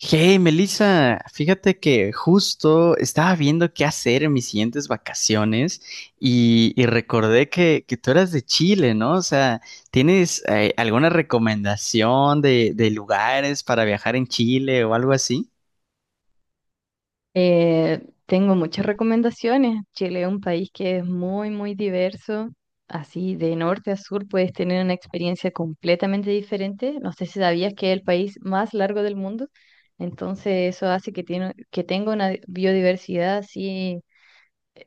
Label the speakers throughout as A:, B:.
A: Hey, Melissa, fíjate que justo estaba viendo qué hacer en mis siguientes vacaciones y recordé que tú eras de Chile, ¿no? O sea, ¿tienes alguna recomendación de lugares para viajar en Chile o algo así?
B: Eh, tengo muchas recomendaciones. Chile es un país que es muy, muy diverso. Así, de norte a sur puedes tener una experiencia completamente diferente. No sé si sabías que es el país más largo del mundo. Entonces, eso hace que tenga una biodiversidad así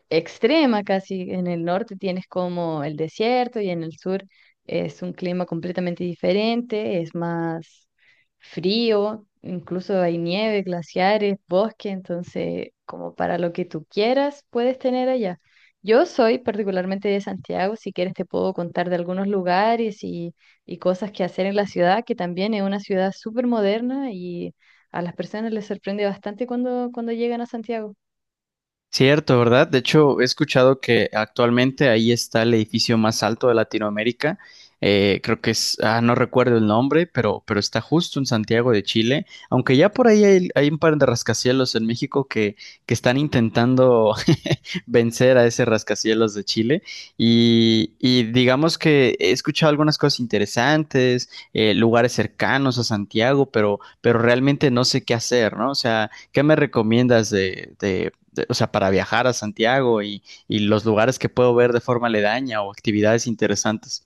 B: extrema casi. En el norte tienes como el desierto y en el sur es un clima completamente diferente, es más frío, incluso hay nieve, glaciares, bosque, entonces como para lo que tú quieras puedes tener allá. Yo soy particularmente de Santiago, si quieres te puedo contar de algunos lugares y cosas que hacer en la ciudad, que también es una ciudad súper moderna y a las personas les sorprende bastante cuando llegan a Santiago.
A: Cierto, ¿verdad? De hecho, he escuchado que actualmente ahí está el edificio más alto de Latinoamérica. Creo que es, ah, no recuerdo el nombre, pero está justo en Santiago de Chile. Aunque ya por ahí hay un par de rascacielos en México que están intentando vencer a ese rascacielos de Chile. Y digamos que he escuchado algunas cosas interesantes, lugares cercanos a Santiago, pero realmente no sé qué hacer, ¿no? O sea, ¿qué me recomiendas de, o sea, para viajar a Santiago y los lugares que puedo ver de forma aledaña o actividades interesantes?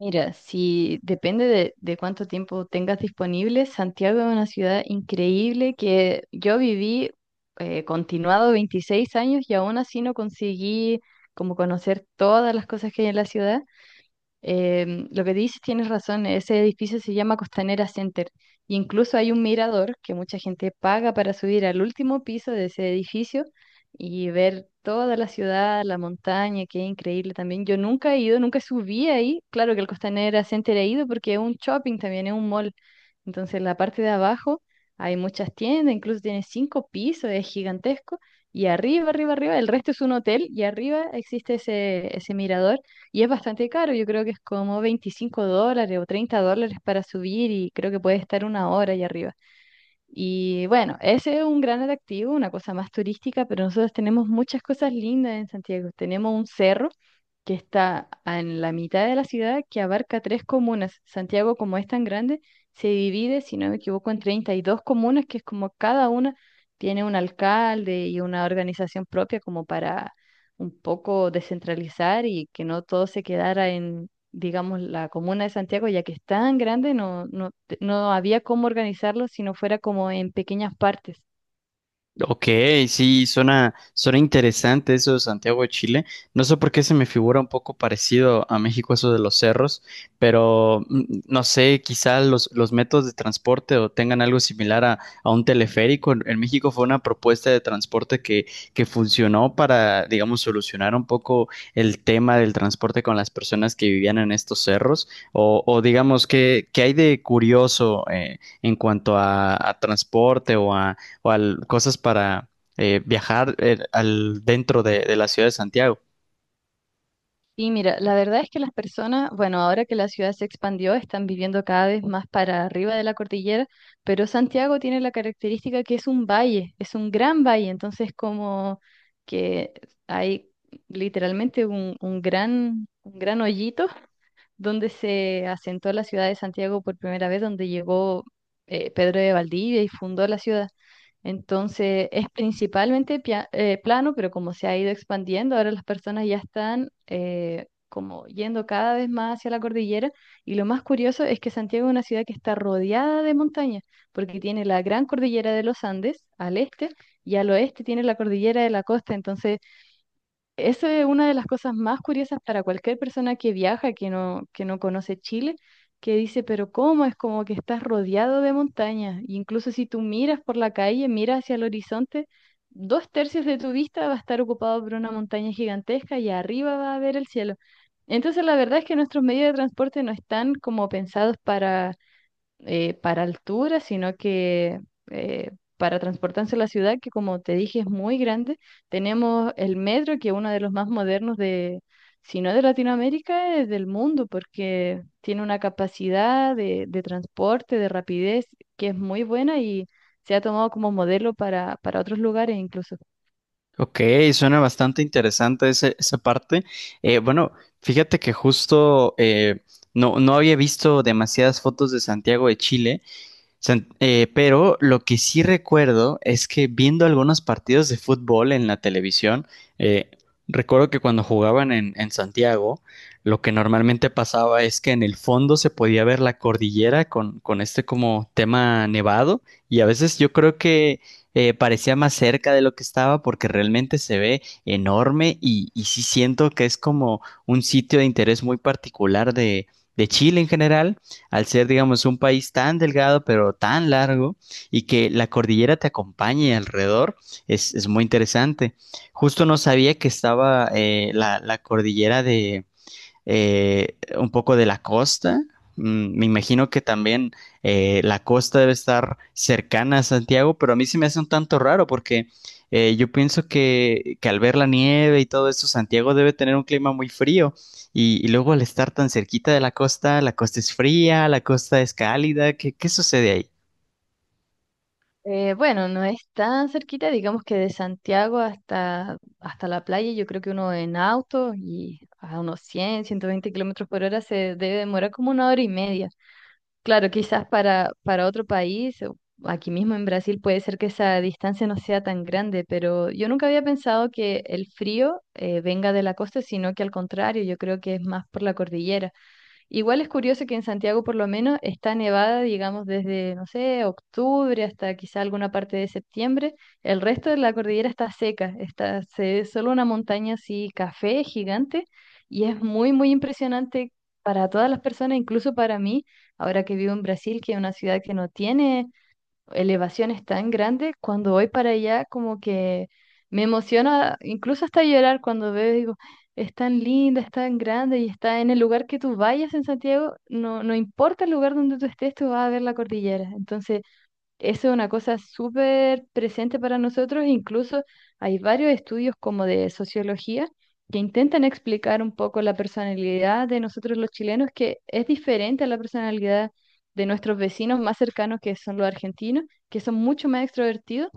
B: Mira, si depende de cuánto tiempo tengas disponible, Santiago es una ciudad increíble que yo viví continuado 26 años y aún así no conseguí como conocer todas las cosas que hay en la ciudad. Lo que dices, tienes razón, ese edificio se llama Costanera Center y incluso hay un mirador que mucha gente paga para subir al último piso de ese edificio y ver toda la ciudad, la montaña, que es increíble también. Yo nunca he ido, nunca subí ahí. Claro que el Costanera Center he ido porque es un shopping también, es un mall. Entonces, la parte de abajo hay muchas tiendas, incluso tiene cinco pisos, es gigantesco. Y arriba, arriba, arriba, el resto es un hotel y arriba existe ese mirador y es bastante caro, yo creo que es como $25 o $30 para subir y creo que puede estar una hora allá arriba. Y bueno, ese es un gran atractivo, una cosa más turística, pero nosotros tenemos muchas cosas lindas en Santiago. Tenemos un cerro que está en la mitad de la ciudad que abarca tres comunas. Santiago, como es tan grande, se divide, si no me equivoco, en 32 comunas, que es como cada una tiene un alcalde y una organización propia como para un poco descentralizar y que no todo se quedara digamos, la comuna de Santiago, ya que es tan grande, no había cómo organizarlo si no fuera como en pequeñas partes.
A: Ok, sí, suena, suena interesante eso de Santiago de Chile. No sé por qué se me figura un poco parecido a México eso de los cerros, pero no sé, quizá los métodos de transporte o tengan algo similar a un teleférico. En México fue una propuesta de transporte que funcionó para, digamos, solucionar un poco el tema del transporte con las personas que vivían en estos cerros. O digamos, qué hay de curioso en cuanto a transporte o a cosas para viajar al, dentro de la ciudad de Santiago?
B: Y mira, la verdad es que las personas, bueno, ahora que la ciudad se expandió, están viviendo cada vez más para arriba de la cordillera, pero Santiago tiene la característica que es un valle, es un gran valle, entonces como que hay literalmente un gran hoyito donde se asentó la ciudad de Santiago por primera vez, donde llegó Pedro de Valdivia y fundó la ciudad. Entonces es principalmente plano, pero como se ha ido expandiendo, ahora las personas ya están como yendo cada vez más hacia la cordillera. Y lo más curioso es que Santiago es una ciudad que está rodeada de montañas, porque tiene la gran cordillera de los Andes al este y al oeste tiene la cordillera de la costa. Entonces eso es una de las cosas más curiosas para cualquier persona que viaja, que no conoce Chile, que dice, pero ¿cómo? Es como que estás rodeado de montañas. E incluso si tú miras por la calle, miras hacia el horizonte, dos tercios de tu vista va a estar ocupado por una montaña gigantesca y arriba va a ver el cielo. Entonces, la verdad es que nuestros medios de transporte no están como pensados para altura, sino que eh, para transportarse a la ciudad, que como te dije es muy grande. Tenemos el metro, que es uno de los más modernos de, si no de Latinoamérica, es del mundo, porque tiene una capacidad de transporte, de rapidez, que es muy buena y se ha tomado como modelo para otros lugares incluso.
A: Ok, suena bastante interesante esa parte. Bueno, fíjate que justo no había visto demasiadas fotos de Santiago de Chile. Pero lo que sí recuerdo es que viendo algunos partidos de fútbol en la televisión, eh, recuerdo que cuando jugaban en Santiago, lo que normalmente pasaba es que en el fondo se podía ver la cordillera con este como tema nevado y a veces yo creo que parecía más cerca de lo que estaba porque realmente se ve enorme y sí siento que es como un sitio de interés muy particular de Chile en general al ser, digamos, un país tan delgado pero tan largo y que la cordillera te acompañe alrededor, es muy interesante. Justo no sabía que estaba la, la cordillera de, un poco de la costa. Mm, me imagino que también la costa debe estar cercana a Santiago, pero a mí se me hace un tanto raro porque yo pienso que al ver la nieve y todo eso, Santiago debe tener un clima muy frío y luego al estar tan cerquita de la costa es fría, la costa es cálida, ¿qué, qué sucede ahí?
B: Bueno, no es tan cerquita, digamos que de Santiago hasta la playa, yo creo que uno en auto y a unos 100, 120 kilómetros por hora se debe demorar como una hora y media. Claro, quizás para otro país, o aquí mismo en Brasil puede ser que esa distancia no sea tan grande, pero yo nunca había pensado que el frío venga de la costa, sino que al contrario, yo creo que es más por la cordillera. Igual es curioso que en Santiago por lo menos está nevada, digamos, desde, no sé, octubre hasta quizá alguna parte de septiembre. El resto de la cordillera está seca, está, se ve solo una montaña así, café gigante, y es muy, muy impresionante para todas las personas, incluso para mí, ahora que vivo en Brasil, que es una ciudad que no tiene elevaciones tan grandes, cuando voy para allá como que me emociona, incluso hasta llorar cuando veo, digo, es tan linda, es tan grande y está en el lugar que tú vayas en Santiago, no importa el lugar donde tú estés, tú vas a ver la cordillera. Entonces, eso es una cosa súper presente para nosotros, incluso hay varios estudios como de sociología que intentan explicar un poco la personalidad de nosotros los chilenos, que es diferente a la personalidad de nuestros vecinos más cercanos, que son los argentinos, que son mucho más extrovertidos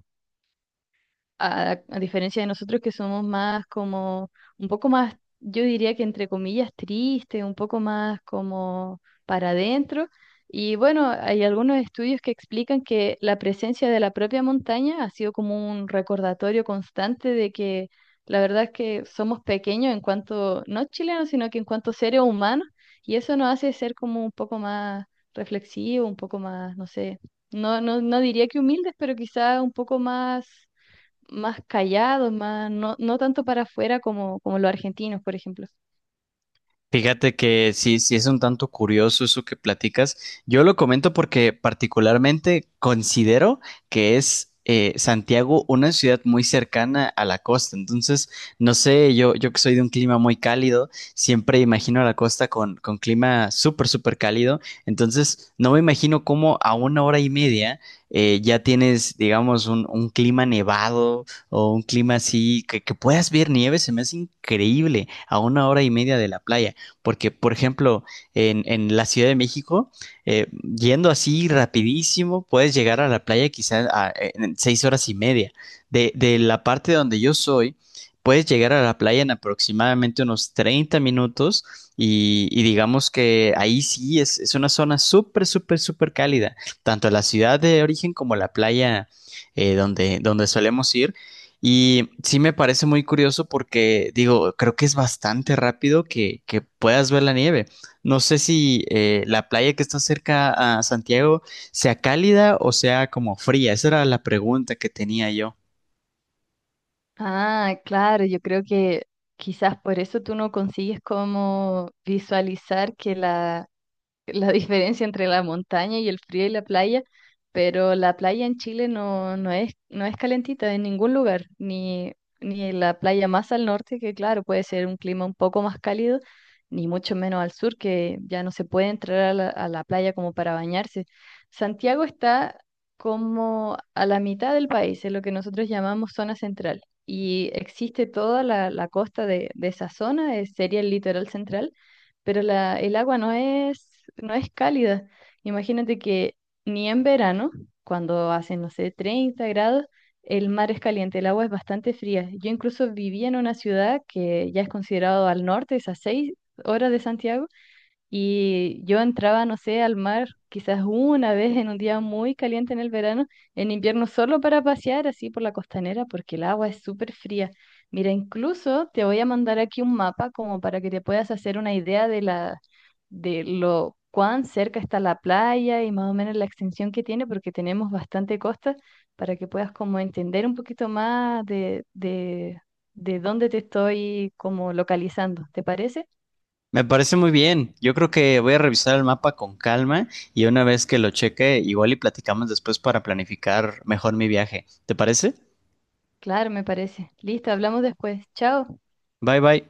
B: a diferencia de nosotros que somos más como, un poco más, yo diría que entre comillas triste, un poco más como para adentro. Y bueno, hay algunos estudios que explican que la presencia de la propia montaña ha sido como un recordatorio constante de que la verdad es que somos pequeños en cuanto, no chilenos, sino que en cuanto seres humanos, y eso nos hace ser como un poco más reflexivos, un poco más, no sé, no diría que humildes, pero quizá un poco más callados, más, no tanto para afuera como, como los argentinos, por ejemplo.
A: Fíjate que sí, sí es un tanto curioso eso que platicas. Yo lo comento porque particularmente considero que es Santiago una ciudad muy cercana a la costa. Entonces, no sé, yo que soy de un clima muy cálido, siempre imagino a la costa con clima súper, súper cálido. Entonces, no me imagino cómo a una hora y media ya tienes, digamos, un clima nevado o un clima así, que puedas ver nieve, se me hace increíble a una hora y media de la playa. Porque, por ejemplo, en la Ciudad de México, eh, yendo así rapidísimo, puedes llegar a la playa quizás en 6 horas y media. De la parte donde yo soy, puedes llegar a la playa en aproximadamente unos 30 minutos y digamos que ahí sí es una zona súper, súper, súper cálida. Tanto la ciudad de origen como la playa donde, donde solemos ir y sí me parece muy curioso porque, digo, creo que es bastante rápido que puedas ver la nieve. No sé si la playa que está cerca a Santiago sea cálida o sea como fría. Esa era la pregunta que tenía yo.
B: Ah, claro, yo creo que quizás por eso tú no consigues como visualizar que la diferencia entre la montaña y el frío y la playa, pero la playa en Chile no es calentita en ningún lugar, ni en la playa más al norte, que claro, puede ser un clima un poco más cálido, ni mucho menos al sur, que ya no se puede entrar a la playa como para bañarse. Santiago está como a la mitad del país, en lo que nosotros llamamos zona central. Y existe toda la costa de esa zona, sería el litoral central, pero el agua no es cálida. Imagínate que ni en verano, cuando hacen, no sé, 30 grados, el mar es caliente, el agua es bastante fría. Yo incluso vivía en una ciudad que ya es considerado al norte, es a 6 horas de Santiago, y yo entraba, no sé, al mar quizás una vez en un día muy caliente en el verano, en invierno solo para pasear así por la costanera, porque el agua es súper fría. Mira, incluso te voy a mandar aquí un mapa como para que te puedas hacer una idea de lo cuán cerca está la playa y más o menos la extensión que tiene, porque tenemos bastante costa, para que puedas como entender un poquito más de dónde te estoy como localizando. ¿Te parece?
A: Me parece muy bien. Yo creo que voy a revisar el mapa con calma y una vez que lo cheque, igual y platicamos después para planificar mejor mi viaje. ¿Te parece?
B: Claro, me parece. Listo, hablamos después. Chao.
A: Bye bye.